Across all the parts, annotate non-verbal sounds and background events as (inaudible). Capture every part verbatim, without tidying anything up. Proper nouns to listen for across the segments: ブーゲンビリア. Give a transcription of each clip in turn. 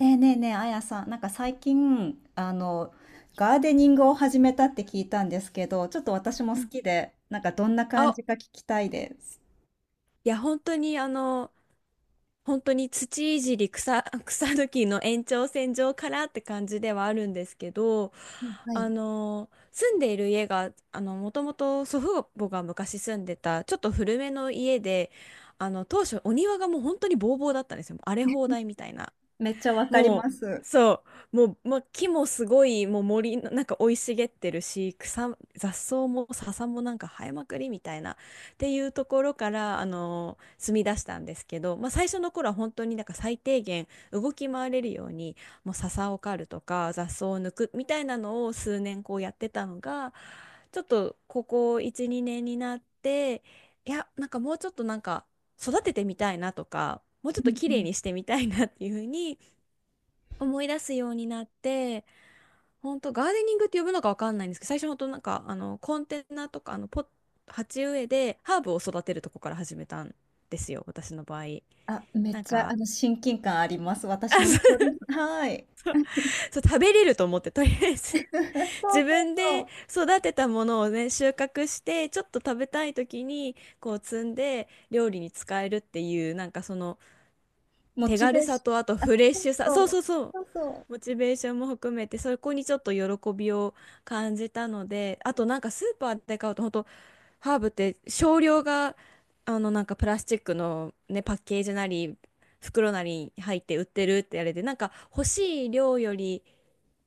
ねえねえねえ、あやさん、なんか最近、あの、ガーデニングを始めたって聞いたんですけど、ちょっと私もう好ん。きで、なんかどんな感あ、じか聞きたいです。いや、本当にあの、本当に土いじり草、(laughs) 草抜きの延長線上からって感じではあるんですけど、はあい。の、住んでいる家が、あの、もともと祖父母が昔住んでた、ちょっと古めの家で、あの、当初お庭がもう本当にボーボーだったんですよ。荒れ放題みたいな。めっちゃわかりもます。う、そう、もう、ま、木もすごい、もう森の、なんか生い茂ってるし、草、雑草も笹もなんか生えまくりみたいな、っていうところから、あの住み出したんですけど、まあ、最初の頃は本当になんか最低限動き回れるように、もう笹を刈るとか、雑草を抜くみたいなのを数年こうやってたのが、ちょっとここいち、に ねんになって、いや、なんかもうちょっとなんか育ててみたいなとか、もうちょっうとん綺う麗ん。にしてみたいなっていうふうに思い出すようになって、本当ガーデニングって呼ぶのかわかんないんですけど、最初本当なんかあのコンテナとかあのポッ鉢植えでハーブを育てるとこから始めたんですよ、私の場合。あ、めっなんちゃ、か、あの、親近感あります。私も一緒です。はい。そう食べれると思って、とりあえ (laughs) そうず。 そ (laughs) 自う分そでう。育てたものをね、収穫して、ちょっと食べたい時にこう摘んで料理に使えるっていう、なんかそのモ手チベ軽ーさシと、あとョン。あ、フレッそうシュさ、そそうう。そうそう、そうそモチベーションも含めてそこにちょっと喜びを感じたので。あと、なんかスーパーで買うと、本当ハーブって少量が、あのなんかプラスチックの、ね、パッケージなり袋なりに入って売ってるって、あれでなんか欲しい量より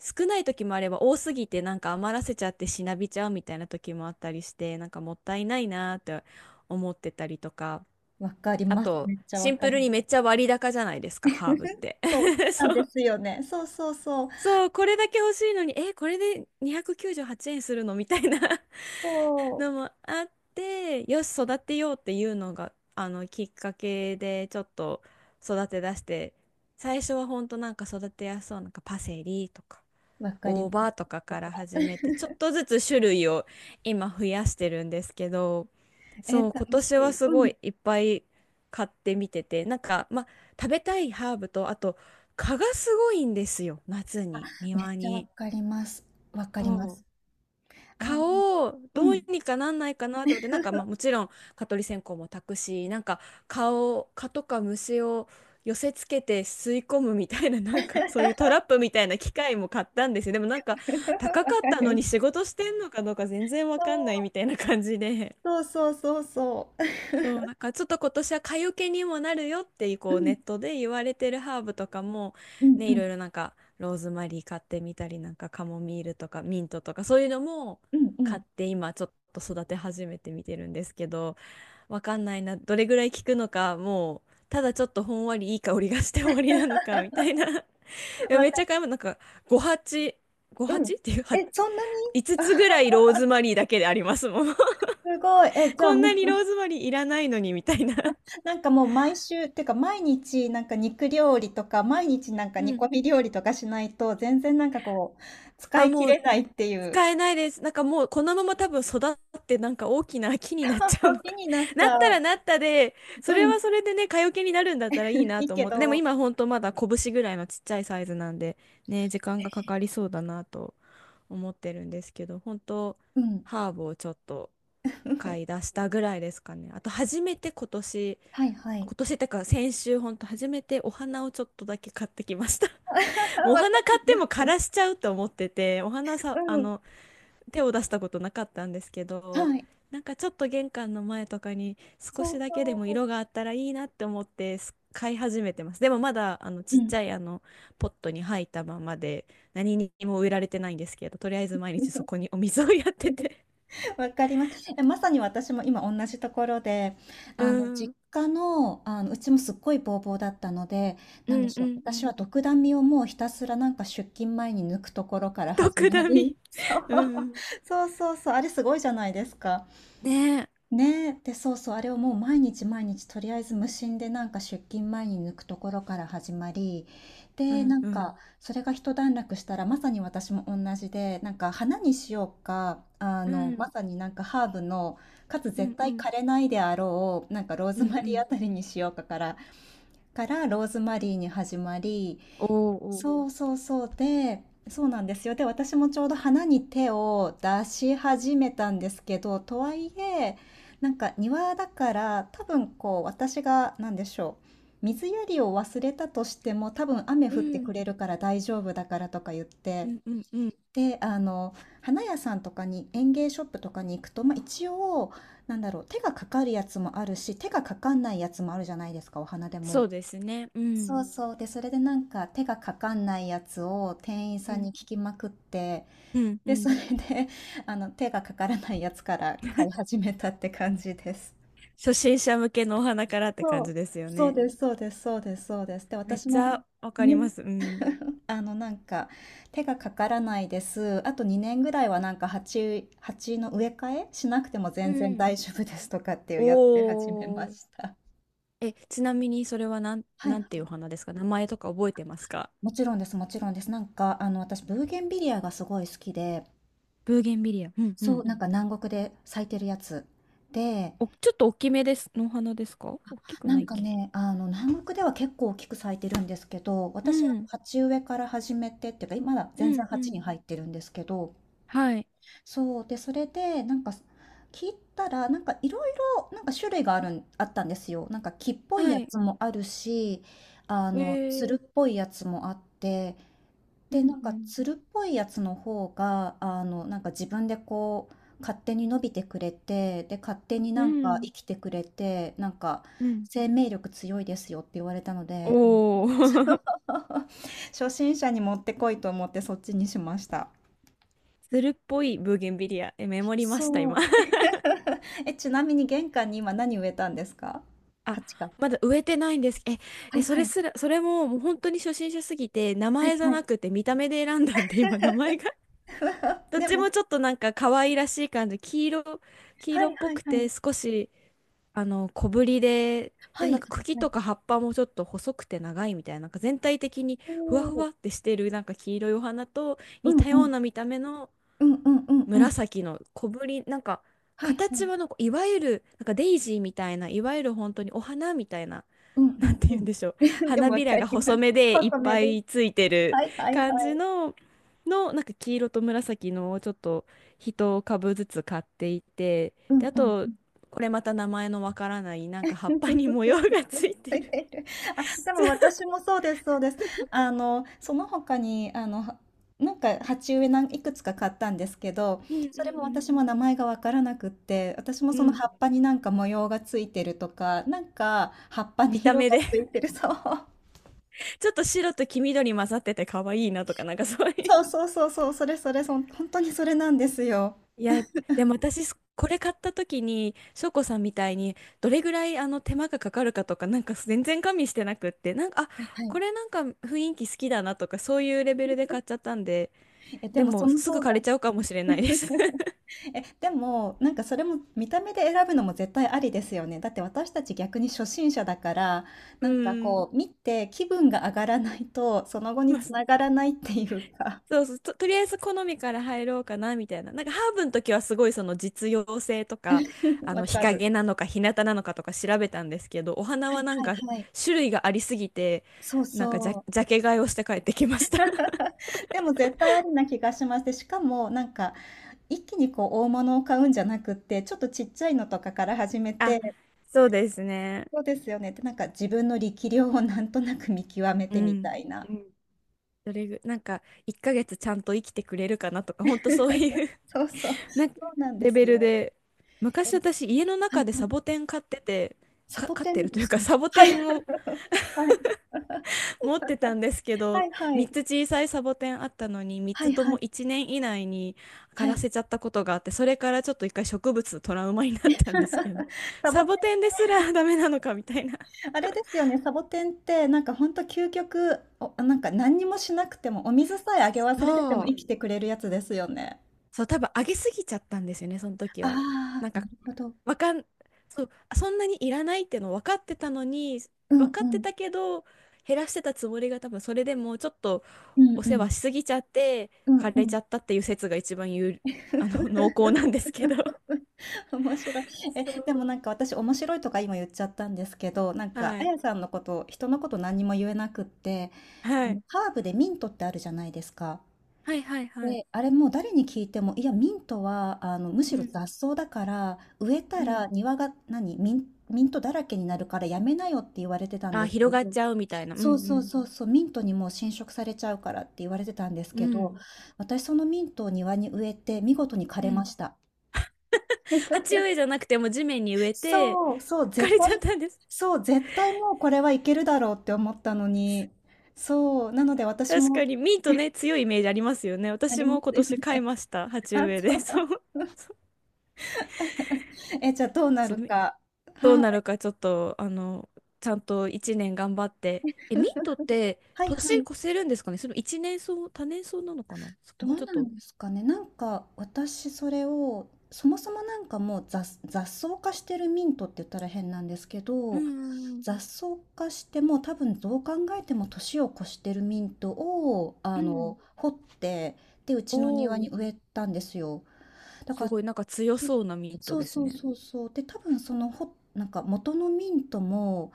少ない時もあれば、多すぎてなんか余らせちゃってしなびちゃうみたいな時もあったりして、なんかもったいないなーって思ってたりとか。う、わかりあます。と、めっちゃわシンかプりルにます。めっちゃ割高じゃないですか、ハーブっ (laughs) そう、て。そう (laughs) なんそでう。すよね。そうそうそう。そう、これだけ欲しいのに、え、これでにひゃくきゅうじゅうはち えんするのみたいな。 (laughs) そのもあって、よし、育てようっていうのが、あの、きっかけで、ちょっと育て出して、最初はほんとなんか育てやすそうなんかパセリとか、う。わかりま大葉す。とかから始めて、ちょっとずつ種類を今増やしてるんですけど、えそー、う、今楽し年はい。すうごん。いいっぱい買ってみてて、なんか、まあ、食べたいハーブと、あと、蚊がすごいんですよ、夏に、めっ庭ちゃわに。かります。わかりまそす。う、あ、蚊をうどうん。にかなんないかなと思って、なんか、まあ、もちろん、蚊取り線香も焚くし、なんか、蚊を、蚊とか虫を寄せつけて吸い込むみたいな、(laughs) なんか、そういうトラップみたいな機械も買ったんですよ。でも、なんか、(laughs) うん、わ高かっかたのる。に仕事してんのかどうか全然わかんないみたいな感じで。そう、そうそうそうそそう、なんからちょっと今年は蚊よけにもなるよってう。うこうネんットで言われてるハーブとかも、うんね、いうんろいろなんかローズマリー買ってみたり、なんかカモミールとかミントとかそういうのもうんう買っん。て、今ちょっと育て始めてみてるんですけど、わかんないな、どれぐらい効くのか、もうただちょっとほんわりいい香りがして終わりなのかみたいな。(laughs) いやわめかっちゃ買います。なんかご鉢、ごる。うん。鉢っていう鉢、え、そんなに。いつつつぐらいローズマリーだけでありますもん。(laughs) すごい。え、じゃあこんもう、なにローズマリーいらないのにみたいな。(laughs) なんかもう毎週、てか毎日なんか肉料理とか、毎日なんかう煮ん。込み料理とかしないと、全然なんかこう、使あ、い切もれうないっていう。使えないです。なんかもうこのまま多分育ってなんか大きな木に (laughs) なっそうちゃそうのう、気か。 になっ (laughs) ちなっゃう。たらなったで、うそれん。はそれでね、蚊よけになるんだったらいいないいとけ思って。でもど。今ほんとまだ拳ぐらいのちっちゃいサイズなんで、ね、時間がかかりそうだなと思ってるんですけど、本当うん。ハーブをちょっと買い出したぐらいですかね。あと初めて今年、はいはい。今年ってか先週ほんと初めてお花をちょっとだけ買ってきました。(laughs) おわか花買ってる。も枯らしちゃうと思ってて、お花さ、うあん、の、手を出したことなかったんですけど、はい。なんかちょっと玄関の前とかに少そしうだけでもそ色があったらいいなって思って、す買い始めてます。でもまだあのう。ちうっちん。ゃいあのポットに入ったままで何にも植えられてないんですけど、とりあえず毎日そこ (laughs) にお水をやってて。わかります。え、まさに私も今同じところで、うあの、ん、う実ん家の、あの、うちもすっごいボーボーだったので、うなんでんしうょう。私ん。は独壇身をもうひたすらなんか出勤前に抜くところから始特まダり、ミ。そう、うん。そうそうそう、あれすごいじゃないですか。ねえ。ね、え、で、そうそう、あれをもう毎日毎日とりあえず無心でなんか出勤前に抜くところから始まり、うで、なんんんうかん。それが一段落したらまさに私も同じで、なんか花にしようか、あうの、んまさになんかハーブの、かつう絶んう対ん枯れないであろう、なんかローうズんマうリーん。あたりにしようかから、からローズマリーに始まり、おーおー。そうそうそう。で、そうなんですよ。で、私もちょうど花に手を出し始めたんですけど、とはいえ、なんか庭だから多分こう私が何でしょう。水やりを忘れたとしても多分雨う降ってくんれるから大丈夫だからとか言っうて。んうんうん。で、あの、花屋さんとかに園芸ショップとかに行くと、まあ、一応、なんだろう、手がかかるやつもあるし、手がかかんないやつもあるじゃないですか、お花でそも。うですね。うそうん。そう。で、それでなんか手がかかんないやつを店員うさんにん。聞きまくって、うん。うで、そん。れで、(laughs) あの、手がかからないやつから買い始めたって感じです。初心者向けのお花からって感そう、じですよそうね。です、そうです、そうです、そうです。で、めっ私ちもまゃわかりね、ます。うん。あの、なんか、手がかからないです。あとにねんぐらいはなんか鉢、鉢の植え替えしなくてもう全然ん。大丈夫ですとかっていうおやつで始めまお、した。え、ちなみにそれはなん、はない、んていうお花ですか？名前とか覚えてますか？もちろんです、もちろんです。なんか、あの、私、ブーゲンビリアがすごい好きで、ブーゲンビリア。うんうそう、ん。なんん。か南国で咲いてるやつ。で、お、ちょっと大きめです、のお花ですか？大きくななんいっかけ？ね、あの、南国では結構大きく咲いてるんですけど、う私はん。鉢植えから始めてっていうか、今だう全然んう鉢にん。入ってるんですけど、はい。そう、で、それで、なんか、切ったら、なんかいろいろ、なんか種類があるん、あったんですよ。なんか木っぽいはやい。つもあるし、あの、つえるっー。ぽいやつもあって、うで、んなんうか、ん。つるっぽいやつの方が、あの、なんか自分でこう、勝手に伸びてくれて、で、勝手にうなんか生ん。きてくれて、なんか、うん。生命力強いですよって言われたので、うん。 おー。(laughs) (laughs) 初心者にもってこいと思ってそっちにしました。するっぽいブーゲンビリア。え、メモりました、そ今。う。え、ちなみに玄関に今何植えたんですか？あ、鉢か。まだ植えてないんです。え、はえ、いそはれい。すら、それももう本当に初心者すぎて、名はい前じゃはい。なくて見た目で選んだんで、今名前が。 (laughs) (laughs) どっでちもも、ちょっとなんか可愛らしい感じ、黄色、黄は色っいぽはいくはてい。少し、あの、小ぶりで、はでもいなんはかい茎はい。とか葉っぱもちょっと細くて長いみたいな、なんか全体的にふわおふお。わってしてる、なんか黄色いお花とう似んたうようん。な見た目のうんうんうんうん。紫の小ぶり、なんかはいは形はい。の、いわゆるなんかデイジーみたいな、いわゆる本当にお花みたいな、う (laughs) んうなんんてう言うんん。でしょう。(laughs) で花もわびらかがります。細めでいっ細めぱで。いついてるはいはい感はじい。の、の、なんか黄色と紫のをちょっと一株ずつ買っていて、うんで、あうんうと、ん。これまた名前のわからない、なんか葉っ (laughs) 覚ぱに模様がついてえる。てる？あ、でも私もそうですそうです。あの、その他に、あの、はなんか鉢植えなん、いくつか買ったんですけど、うんそうれもん私も名前がわからなくって、私もうん。そうの葉っん。ぱになんか模様がついてるとか、なんか葉っぱに見た色目がで。 ついてる、そう。(laughs) (laughs) ちょっと白と黄緑混ざってて可愛いなとか、なんかそういう。そうそうそうそう、それそれ、そん本当にそれなんですよ。いや、でも私、これ買った時に、翔子さんみたいに、どれぐらいあの手間がかかるかとか、なんか全然加味してなくって、なんか、あ、はいはい。これなんか雰囲気好きだなとか、そういうレベルで買っちゃったんで、え、ででもそも、のすぐ方枯が、れちゃうかもしれないです。(laughs) え、でも、なんかそれも見た目で選ぶのも絶対ありですよね。だって私たち逆に初心者だから、うなんかん。こう見て気分が上がらないと、その後にまあ、つそながらないっていうか、そうそう、と、とりあえず好みから入ろうかな、みたいな。なんか、ハーブの時はすごいその実用性とか、(laughs) あわの、日かる。陰なのか、日向なのかとか調べたんですけど、お花ははいなんか、はいはい。種類がありすぎて、そうなんかジャ、そジャケ買いをして帰ってきました。う。でも絶対ありな気がしまして、しかもなんか一気にこう大物を買うんじゃなくって、ちょっとちっちゃいのとかから始めあ、て、そうですね。そうですよね。で、なんか自分の力量をなんとなく見極めうてみたん。いな。どれぐ、なんか、いっかげつちゃんと生きてくれるかなとか、ほんとそういう。 そうそう。そ (laughs) なんかうなんでレすベルよ。で、え、は昔い私、家の中ではい。サボテン飼ってて、サか、ボ飼っテてるン、というすか、サボはテい。ンを。 (laughs) はい。(laughs) (laughs) 持ってたんですけはど、いは3い。つ小さいサボテンあったのに、3はついとはもい。いちねん以内に枯はらい。せちゃったことがあって、それからちょっと一回植物トラウマになったんですけど、(laughs) サボサテボン。テンですらダメなのかみたいな。あれですよね、サボテンってなんかほんと究極、お、なんか何にもしなくても、お水さえあげ忘それててもう。生きてくれるやつですよね。そう、多分上げすぎちゃったんですよね、その時あは。なんあ、なるか、ほど。わかん、そう、そんなにいらないっての分かってたのに、う分んかっうてん。たけど、減らしてたつもりが多分それでもちょっとうんおう世ん。話しすぎちゃって、うん枯うれちん。ゃったっていう説が一番有、(laughs) あの、濃厚 (laughs) なんですけど。(laughs) 面白い。え、(laughs) そでう。もなんか私面白いとか今言っちゃったんですけど、なんかはあい。やさんのこと、人のこと何にも言えなくって、あはの、い。ハーブでミントってあるじゃないですか。はいはいはい。で、あれもう誰に聞いても、いや、ミントは、あの、むうしろん。雑草だから、植えうたらん。庭が、何、ミン、ミントだらけになるからやめなよって言われてたんであ、すけ広がっど、ちゃうみたいな。うそうそうんそうそう、ミントにもう侵食されちゃうからって言われてたんですうん。けうど、ん。私そのミントを庭に植えて見事に枯うれまん。した。鉢植えじゃなくても地面に植えて、そう、そう、枯絶れちゃっ対、たんです。そう、絶対もうこれはいけるだろうって思ったのに、そう、なので私確かも、にミートね、強いイメージありますよね。あ私りまも今すよ年買いね。ました、(laughs) 鉢あ、植えそで。(laughs) う。そう、え、じゃあどうなそう、るみか。どうはないるかちょっと、あの、ちゃんといちねん頑張って。え、ミートってはいは年い。越せるんですかね、その一年草、多年草なのかな、そどこもうちょっなと。んですかね。なんか私それを、そもそもなんかもう雑、雑草化してるミントって言ったら変なんですけうんど、うん雑草化してもう多分どう考えても年を越してるミントを、あうん。うん。の、掘って、で、うおちの庭にお、植えたんですよ。だかすら、ごい、なんか強そうなミートそうですそうね。そうそう、で、多分そのほ、なんか元のミントも、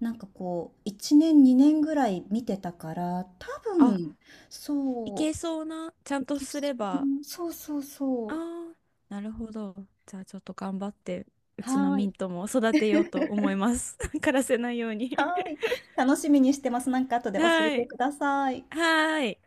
なんかこう、いちねん、にねんぐらい見てたから、多あ、分、いけそそうな、ちゃう、んいとけすれば。そう、そうそうそあうあ、なるほど。じゃあちょっと頑張って、うちのはーミい。ントも育てようと思います。(laughs) 枯らせないように。はーい。(laughs) 楽しみにしてます。なんか後で教えはてい。ください。はい。